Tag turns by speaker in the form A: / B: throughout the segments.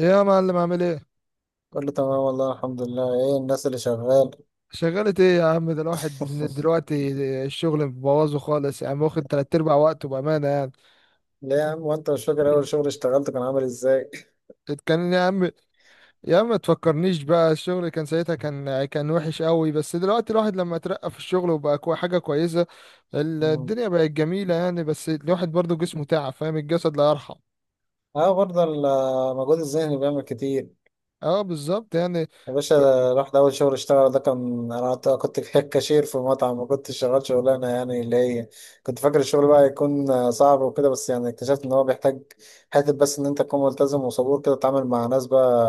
A: إيه يا معلم عامل ايه؟
B: كله تمام، والله الحمد لله. ايه الناس، اللي شغال؟
A: شغلة ايه يا عم؟ ده الواحد من دلوقتي الشغل مبوظه خالص يا عم، واخد 3/4 وقته بأمانة يعني.
B: ليه يا عم؟ وانت مش فاكر اول شغل اشتغلته كان عامل ازاي؟
A: كان يا عم، يا عم ما تفكرنيش بقى. الشغل كان ساعتها كان وحش قوي، بس دلوقتي الواحد لما اترقى في الشغل وبقى حاجة كويسة.
B: مم.
A: الدنيا بقت جميلة يعني، بس الواحد برضو جسمه تعب، فاهم؟ الجسد لا يرحم.
B: اه، برضه المجهود الذهني بيعمل كتير.
A: اه بالظبط يعني.
B: يا باشا، ده رحت أول شغل اشتغل، ده كان أنا كنت في كاشير في مطعم، ما كنتش شغال شغلانة يعني اللي هي... كنت فاكر الشغل بقى يكون صعب وكده، بس يعني اكتشفت إن هو بيحتاج حتة، بس إن أنت تكون ملتزم وصبور كده، تتعامل مع ناس بقى.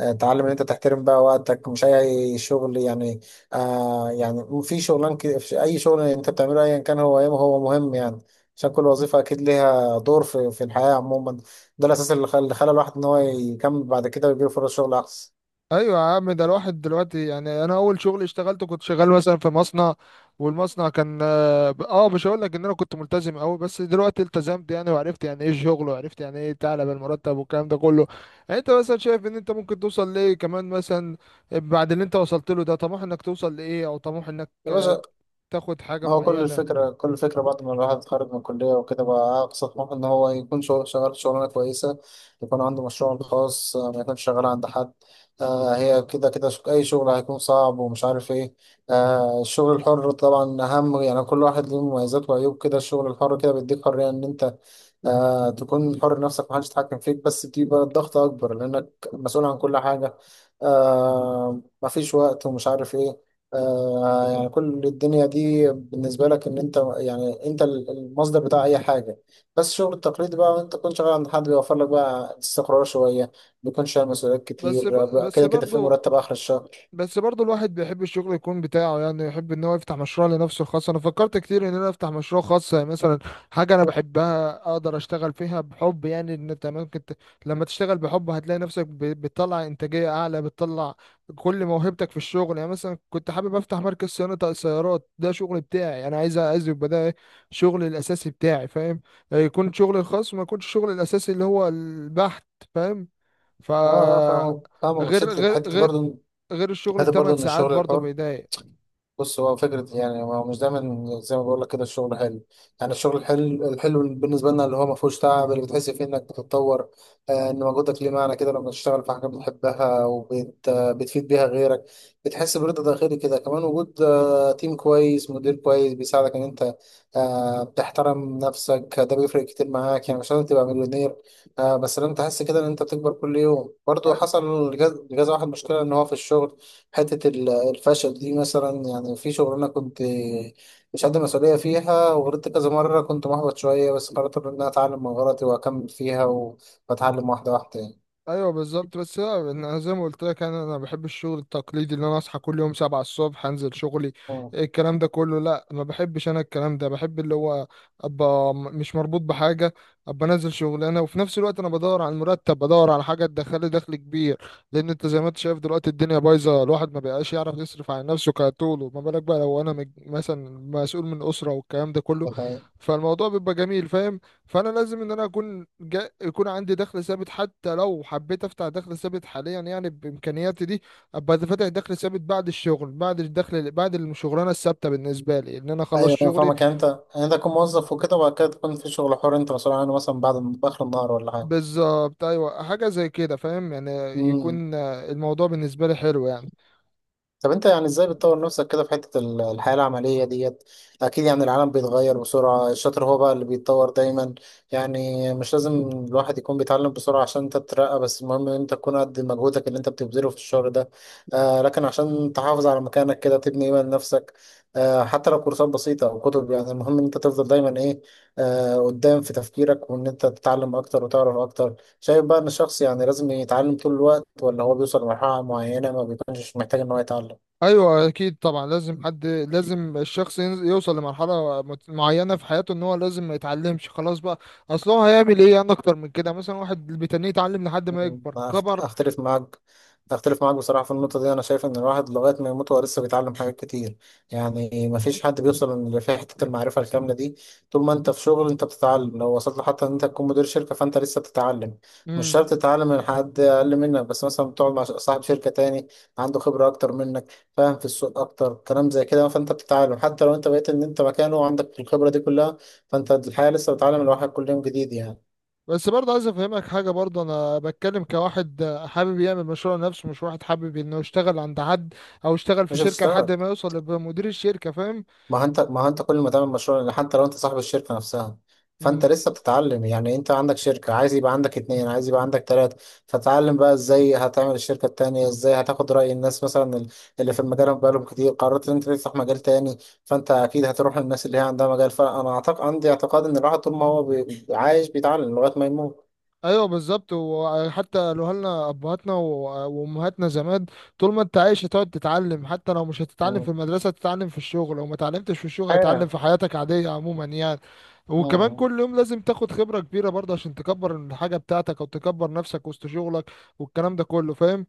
B: تعلم إن أنت تحترم بقى وقتك، مش أي شغل يعني. يعني في شغلان كده، في أي شغل أنت بتعمله أيا كان هو إيه، هو مهم يعني. عشان كل وظيفة أكيد ليها دور في الحياة عموما. ده الأساس اللي خلى الواحد إن هو يكمل بعد كده ويجيله فرص شغل أحسن.
A: ايوه يا عم، ده الواحد دلوقتي يعني انا اول شغل اشتغلته كنت شغال مثلا في مصنع، والمصنع كان مش هقول لك ان انا كنت ملتزم قوي، بس دلوقتي التزمت يعني وعرفت يعني ايه الشغل، وعرفت يعني ايه تعلى بالمرتب والكلام ده كله. يعني انت مثلا شايف ان انت ممكن توصل لايه كمان مثلا بعد اللي انت وصلت له؟ ده طموح انك توصل لايه، او طموح انك
B: يا باشا.
A: تاخد حاجة
B: هو كل
A: معينة.
B: الفكرة كل الفكرة بعد ما الواحد اتخرج من الكلية وكده، بقى أقصى طموحه إن هو يكون شغل شغال شغلانة كويسة، يكون عنده مشروع الخاص، ما يكونش شغال عند حد. هي كده كده، أي شغل هيكون صعب ومش عارف إيه. الشغل الحر طبعا أهم، يعني كل واحد له مميزات وعيوب كده. الشغل الحر كده بيديك حرية إن أنت تكون حر نفسك، محدش يتحكم فيك، بس بيبقى الضغط أكبر لأنك مسؤول عن كل حاجة. مفيش وقت ومش عارف إيه. يعني كل الدنيا دي بالنسبة لك إن أنت، يعني أنت المصدر بتاع أي حاجة. بس الشغل التقليدي بقى، وأنت تكون شغال عند حد، بيوفر لك بقى استقرار شوية، بيكون شايل مسؤوليات كتير. بقى
A: بس
B: كده كده في
A: برضو،
B: مرتب آخر الشهر.
A: بس برضو الواحد بيحب الشغل يكون بتاعه يعني، يحب ان هو يفتح مشروع لنفسه الخاص. انا فكرت كتير ان انا افتح مشروع خاص يعني، مثلا حاجة انا بحبها اقدر اشتغل فيها بحب. يعني ان انت لما تشتغل بحب هتلاقي نفسك بتطلع انتاجية اعلى، بتطلع كل موهبتك في الشغل. يعني مثلا كنت حابب افتح مركز صيانة سيارات، ده شغل بتاعي انا، عايز عايز يبقى ده شغلي الاساسي بتاعي، فاهم؟ يكون شغلي الخاص، ما يكونش شغلي الاساسي اللي هو البحث، فاهم؟ ف
B: أه أه، فاهمك فاهمك،
A: غير
B: بس حتة
A: غير
B: حتة
A: غير
B: برضه.
A: غير الشغل
B: حتة برضه
A: الثمان
B: إن
A: ساعات
B: الشغل
A: برضه
B: الحر،
A: بيضايق.
B: بص هو فكرة، يعني هو مش دايما زي ما بقول لك كده الشغل حلو. يعني الشغل الحلو الحلو بالنسبة لنا اللي هو ما فيهوش تعب، اللي بتحس فيه انك بتتطور. ان مجهودك ليه معنى كده، لما تشتغل في حاجة بتحبها وبت آه، بتفيد بيها غيرك، بتحس برضا داخلي كده. كمان وجود تيم كويس، مدير كويس بيساعدك ان انت بتحترم نفسك، ده بيفرق كتير معاك. يعني مش لازم تبقى مليونير، بس لازم تحس كده ان انت بتكبر كل يوم. برضه
A: أي-
B: حصل لجاز واحد مشكلة ان هو في الشغل، حتة الفشل دي مثلا. يعني في شغلانة كنت مش قد مسؤولية فيها، وغلطت كذا مرة، كنت محبط شوية، بس قررت إن أنا أتعلم من غلطي وأكمل فيها وأتعلم واحدة واحدة يعني.
A: ايوه بالظبط. بس لا، انا زي ما قلت لك، انا بحب الشغل التقليدي، اللي انا اصحى كل يوم 7 الصبح انزل شغلي،
B: مم.
A: الكلام ده كله، لا ما بحبش. انا الكلام ده بحب، اللي هو ابقى مش مربوط بحاجه، ابقى نازل شغلانه، وفي نفس الوقت انا بدور على المرتب، بدور على حاجه تدخلي دخل كبير، لان انت زي ما انت شايف دلوقتي الدنيا بايظه، الواحد ما بقاش يعرف يصرف على نفسه كطوله، ما بالك بقى لو انا مثلا مسؤول من اسره والكلام ده كله.
B: ده حقيقي.
A: فالموضوع بيبقى جميل، فاهم؟ فانا لازم ان انا يكون عندي دخل ثابت. حتى لو حبيت افتح دخل ثابت حاليا يعني، بامكانياتي دي ابقى فاتح دخل ثابت بعد الشغل، بعد الدخل، بعد الشغلانه الثابته بالنسبه لي ان انا خلص
B: أيوة أنا
A: شغلي.
B: فاهمك، يعني أنت، يعني أنت تكون موظف وكده، وبعد كده تكون في شغل حر أنت مسؤول عنه، مثلا بعد آخر النهار، ولا حاجة.
A: بالظبط، ايوه حاجه زي كده فاهم يعني.
B: مم.
A: يكون الموضوع بالنسبه لي حلو يعني.
B: طب انت يعني ازاي بتطور نفسك كده في حتة الحياة العملية ديت؟ اكيد يعني العالم بيتغير بسرعة، الشاطر هو بقى اللي بيتطور دايما. يعني مش لازم الواحد يكون بيتعلم بسرعة عشان انت تترقى، بس المهم ان انت تكون قد مجهودك اللي انت بتبذله في الشغل ده. لكن عشان تحافظ على مكانك كده، تبني ايمان لنفسك، حتى لو كورسات بسيطة او كتب، يعني المهم ان انت تفضل دايما ايه، قدام في تفكيرك، وان انت تتعلم اكتر وتعرف اكتر. شايف بقى ان الشخص يعني لازم يتعلم طول الوقت، ولا هو بيوصل لمرحلة معينة ما بيكونش محتاج ان هو يتعلم؟
A: ايوه اكيد طبعا، لازم حد، لازم الشخص يوصل لمرحله معينه في حياته ان هو لازم ما يتعلمش خلاص بقى. اصل هو هيعمل ايه يعني اكتر من كده؟ مثلا واحد بيتنيه يتعلم لحد ما يكبر
B: ما أخت-
A: كبر.
B: أختلف معاك، أختلف معاك بصراحة في النقطة دي. أنا شايف إن الواحد لغاية ما يموت هو لسه بيتعلم حاجات كتير، يعني مفيش حد بيوصل لفي حتة المعرفة الكاملة دي. طول ما أنت في شغل أنت بتتعلم، لو وصلت لحتى إن أنت تكون مدير شركة فأنت لسه بتتعلم. مش شرط تتعلم من حد أقل منك، بس مثلا بتقعد مع صاحب شركة تاني عنده خبرة أكتر منك فاهم، في السوق أكتر، كلام زي كده، فأنت بتتعلم حتى لو أنت بقيت إن أنت مكانه وعندك الخبرة دي كلها. فأنت الحياة لسه بتتعلم، الواحد كل يوم جديد يعني.
A: بس برضه عايز افهمك حاجه برضه، انا بتكلم كواحد حابب يعمل مشروع لنفسه، مش واحد حابب انه يشتغل عند حد، او يشتغل في
B: مش
A: شركه لحد
B: هتشتغل.
A: ما يوصل لبقى مدير الشركه، فاهم؟
B: ما هو انت كل ما تعمل مشروع، لأن حتى لو انت صاحب الشركة نفسها فانت
A: امم
B: لسه بتتعلم. يعني انت عندك شركة، عايز يبقى عندك اتنين، عايز يبقى عندك تلاتة، فتعلم بقى ازاي هتعمل الشركة التانية، ازاي هتاخد رأي الناس مثلا اللي في المجال بقالهم كتير. قررت ان انت تفتح مجال تاني، فانت اكيد هتروح للناس اللي هي عندها مجال. فانا اعتقد، عندي اعتقاد ان الواحد طول ما هو عايش بيتعلم لغاية ما يموت.
A: ايوه بالظبط. وحتى لو لنا ابهاتنا وامهاتنا زمان، طول ما انت عايش هتقعد تتعلم. حتى لو مش هتتعلم في
B: مم.
A: المدرسه، تتعلم في الشغل. لو ما اتعلمتش في الشغل، هتتعلم
B: ايوه.
A: في حياتك عاديه عموما يعني. وكمان
B: مم.
A: كل يوم لازم تاخد خبره كبيره برضه، عشان تكبر الحاجه بتاعتك او تكبر نفسك وسط شغلك والكلام ده كله، فاهم؟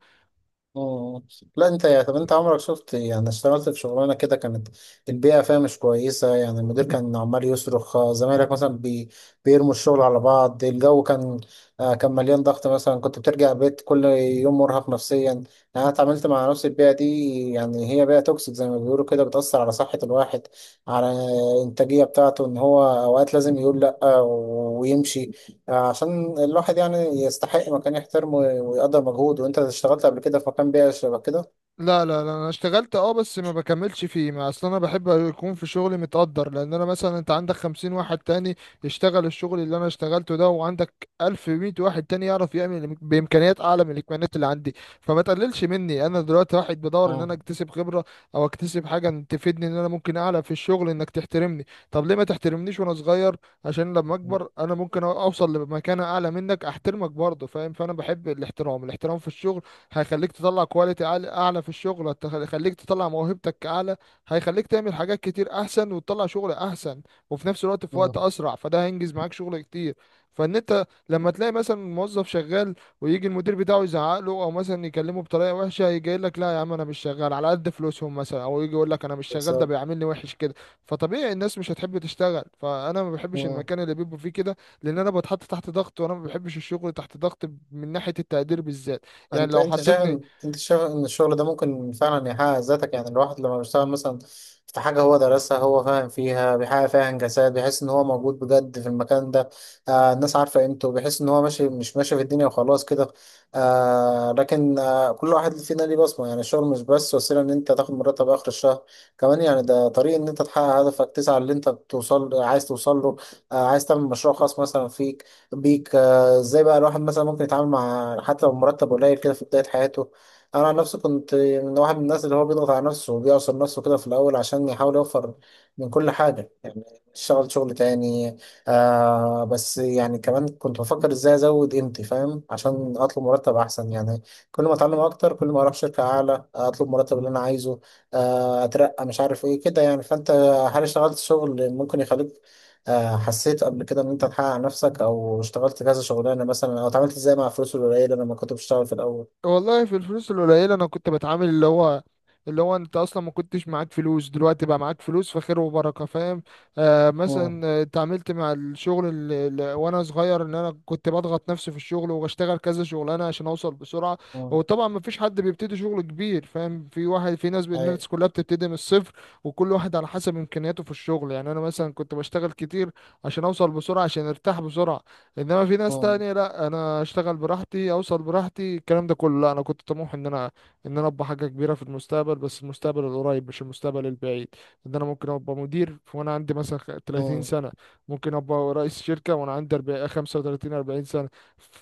B: مم. لا، انت يا طب انت عمرك شفت يعني، اشتغلت في شغلانه كده كانت البيئه فيها مش كويسه؟ يعني المدير كان عمال يصرخ، زمايلك مثلا بيرموا الشغل على بعض، الجو كان كان مليان ضغط، مثلا كنت بترجع البيت كل يوم مرهق نفسيا يعني. انا اتعاملت مع نفس البيئه دي، يعني هي بيئه توكسيك زي ما بيقولوا كده، بتاثر على صحه الواحد، على الانتاجيه بتاعته، ان هو اوقات لازم يقول لا ويمشي، عشان الواحد يعني يستحق مكان يحترمه ويقدر مجهوده. وانت اشتغلت قبل كده في مكان بيئة شبه كده؟
A: لا لا لا، انا اشتغلت اه، بس ما بكملش فيه. ما اصل انا بحب يكون في شغلي متقدر، لان انا مثلا انت عندك 50 واحد تاني يشتغل الشغل اللي انا اشتغلته ده، وعندك 1100 واحد تاني يعرف يعمل بامكانيات اعلى من الامكانيات اللي عندي، فما تقللش مني. انا دلوقتي واحد بدور ان انا
B: مم.
A: اكتسب خبرة، او اكتسب حاجة إن تفيدني ان انا ممكن اعلى في الشغل، انك تحترمني. طب ليه ما تحترمنيش وانا صغير؟ عشان لما اكبر انا ممكن اوصل لمكانة اعلى منك، احترمك برضه، فاهم؟ فانا بحب الاحترام. الاحترام في الشغل هيخليك تطلع كواليتي أعلى، أعلى في الشغل، هيخليك تطلع موهبتك أعلى، هيخليك تعمل حاجات كتير أحسن وتطلع شغل أحسن، وفي نفس الوقت في وقت
B: مم.
A: أسرع. فده هينجز معاك شغل كتير. فإن أنت لما تلاقي مثلا موظف شغال، ويجي المدير بتاعه يزعق له، أو مثلا يكلمه بطريقة وحشة، يجي يقول لك لا يا عم أنا مش شغال على قد فلوسهم مثلا، أو يجي يقول لك أنا مش شغال، ده
B: بالظبط.
A: بيعاملني وحش كده. فطبيعي الناس مش هتحب تشتغل. فأنا ما بحبش المكان اللي بيبقوا فيه كده، لأن أنا بتحط تحت ضغط، وأنا ما بحبش الشغل تحت ضغط، من ناحية التقدير بالذات. يعني
B: انت
A: لو
B: انت شايف
A: حطيتني،
B: ان انت شايف ان الشغل ده ممكن فعلا يحقق ذاتك؟ يعني الواحد لما بيشتغل مثلا في حاجة هو درسها، هو فاهم فيها، بيحقق فيها انجازات، بيحس ان هو موجود بجد في المكان ده، الناس عارفة قيمته، بيحس ان هو ماشي مش ماشي في الدنيا وخلاص كده. لكن، كل واحد فينا ليه بصمة. يعني الشغل مش بس وسيلة ان انت تاخد مرتب اخر الشهر، كمان يعني ده طريق ان انت تحقق هدفك، تسعى اللي انت توصل عايز توصل له، عايز تعمل مشروع خاص مثلا فيك، بيك. فازاي بقى الواحد مثلا ممكن يتعامل مع حتى لو مرتب قليل كده في بداية حياته؟ انا عن نفسي كنت من واحد من الناس اللي هو بيضغط على نفسه وبيعصر نفسه كده في الاول، عشان يحاول يوفر من كل حاجة يعني، اشتغل شغل تاني. بس يعني كمان كنت بفكر ازاي ازود قيمتي فاهم، عشان اطلب مرتب احسن يعني. كل ما اتعلم اكتر كل ما اروح شركة اعلى اطلب مرتب اللي انا عايزه، اترقى مش عارف ايه كده يعني. فانت هل اشتغلت شغل ممكن يخليك، حسيت قبل كده ان انت تحقق على نفسك، او اشتغلت كذا شغلانه مثلا، او اتعاملت ازاي مع الفلوس القليله لما كنت بشتغل في الاول؟
A: والله في الفلوس القليلة أنا كنت بتعامل اللي هو، اللي هو أنت أصلا ما كنتش معاك فلوس، دلوقتي بقى معاك فلوس فخير وبركة، فاهم؟ آه
B: امم،
A: مثلا آه، اتعاملت مع الشغل وأنا صغير، إن أنا كنت بضغط نفسي في الشغل، وبشتغل كذا شغلانة عشان أوصل بسرعة.
B: امم.
A: وطبعا ما فيش حد بيبتدي شغل كبير، فاهم؟ في ناس،
B: اي.
A: الناس كلها بتبتدي من الصفر، وكل واحد على حسب إمكانياته في الشغل. يعني أنا مثلا كنت بشتغل كتير عشان أوصل بسرعة، عشان أرتاح بسرعة. انما في ناس
B: امم،
A: تانية لا، انا اشتغل براحتي، اوصل براحتي، الكلام ده كله لا. انا كنت طموح ان انا ابقى حاجه كبيره في المستقبل، بس المستقبل القريب مش المستقبل البعيد. ان انا ممكن ابقى مدير وانا عندي مثلا 30
B: امم.
A: سنه، ممكن ابقى رئيس شركه وانا عندي 40 35 40 سنه.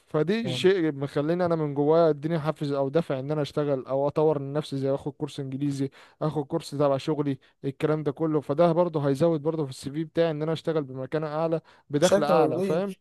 A: فدي شيء مخليني انا من جوايا، اديني حافز او دافع ان انا اشتغل، او اطور من نفسي زي اخد كورس انجليزي، اخد كورس تبع شغلي، الكلام ده كله. فده برضه هيزود برضه في السي في بتاعي ان انا اشتغل بمكانه اعلى، بدخل
B: بشكل
A: اعلى، فاهم؟
B: كبير.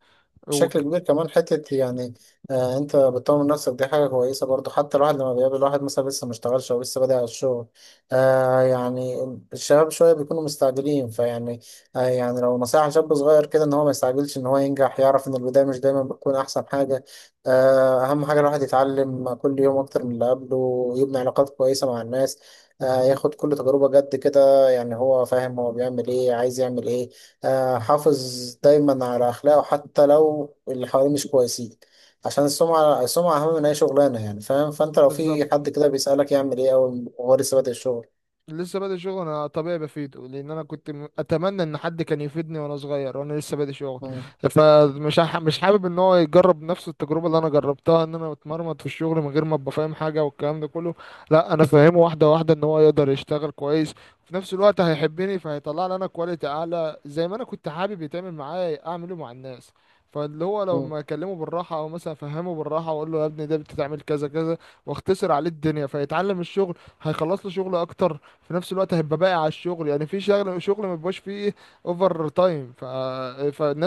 B: بشكل
A: وك-
B: كبير، كمان حتة يعني. انت بتطور نفسك، دي حاجة كويسة برضو. حتى الواحد لما بيقابل واحد مثلا لسه ما اشتغلش او لسه بادئ على الشغل، يعني الشباب شوية بيكونوا مستعجلين فيعني. يعني لو نصيحة شاب صغير كده، ان هو ما يستعجلش ان هو ينجح، يعرف ان البداية مش دايما بتكون احسن حاجة. اهم حاجة الواحد يتعلم كل يوم اكتر من اللي قبله، يبني علاقات كويسة مع الناس، ياخد كل تجربة جد كده، يعني هو فاهم هو بيعمل ايه، عايز يعمل ايه، حافظ دايما على أخلاقه حتى لو اللي حواليه مش كويسين، عشان السمعة، السمعة أهم من أي شغلانة يعني فاهم. فأنت لو في
A: بالظبط.
B: حد كده بيسألك يعمل إيه أول وهو لسه بادئ الشغل؟
A: لسه بادئ شغل انا طبيعي بفيده، لان انا كنت اتمنى ان حد كان يفيدني وانا صغير وانا لسه بادئ شغل.
B: مم.
A: مش حابب ان هو يجرب نفس التجربه اللي انا جربتها، ان انا اتمرمط في الشغل من غير ما ابقى فاهم حاجه والكلام ده كله. لا انا فاهمه واحده واحده ان هو يقدر يشتغل كويس، وفي نفس الوقت هيحبني، فهيطلع لي انا كواليتي اعلى. زي ما انا كنت حابب يتعمل معايا اعمله مع الناس. فاللي هو
B: مم.
A: لما اكلمه بالراحه، او مثلا افهمه بالراحه واقول له يا ابني ده بتتعمل كذا كذا، واختصر عليه الدنيا، فيتعلم الشغل، هيخلص له شغل اكتر، في نفس الوقت هيبقى باقي على الشغل. يعني في شغل ما بيبقاش فيه اوفر تايم،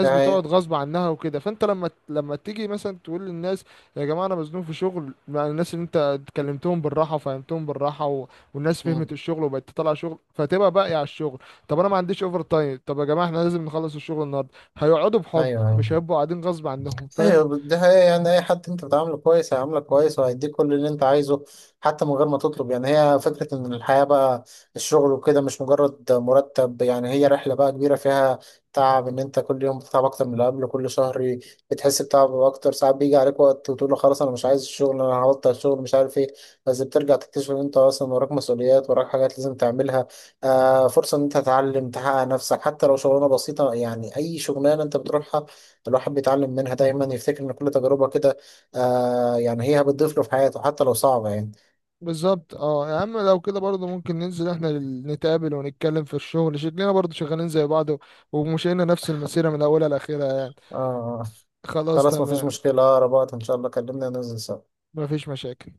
B: ده
A: بتقعد
B: حقيقة.
A: غصب عنها وكده. فانت لما تيجي مثلا تقول للناس يا جماعه انا مزنوق في شغل، مع الناس اللي انت اتكلمتهم بالراحه وفهمتهم بالراحه، والناس
B: مم.
A: فهمت الشغل وبقت تطلع شغل، فتبقى باقي على الشغل. طب انا ما عنديش اوفر تايم، طب يا جماعه احنا لازم نخلص الشغل النهارده، هيقعدوا بحب،
B: أيوه، أيوه،
A: مش هيبقوا قاعدين غصب عنهم، فاهم؟
B: ايوه. ده هي، يعني اي حد انت بتعامله كويس هيعاملك كويس، وهيديك كل اللي انت عايزه حتى من غير ما تطلب يعني. هي فكره ان الحياه بقى، الشغل وكده، مش مجرد مرتب يعني. هي رحله بقى كبيره، فيها تعب، ان انت كل يوم بتتعب اكتر من اللي قبله، كل شهر بتحس بتعب اكتر. ساعات بيجي عليك وقت وتقول له خلاص انا مش عايز الشغل، انا هبطل الشغل مش عارف ايه، بس بترجع تكتشف ان انت اصلا وراك مسؤوليات، وراك حاجات لازم تعملها، فرصه ان انت تتعلم، تحقق نفسك، حتى لو شغلانه بسيطه يعني. اي شغلانه انت بتروحها الواحد بيتعلم منها دايما، يفتكر ان كل تجربة كده يعني هي بتضيف له في حياته حتى لو صعبة يعني.
A: بالظبط. اه يا عم لو كده برضه ممكن ننزل احنا نتقابل ونتكلم في الشغل، شكلنا برضه شغالين زي بعض ومشينا نفس المسيرة من اولها لاخرها يعني.
B: آه
A: خلاص
B: خلاص، مفيش
A: تمام،
B: مشكلة، اقرب وقت ان شاء الله كلمنا ننزل سوا.
A: مفيش مشاكل.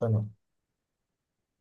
B: تمام.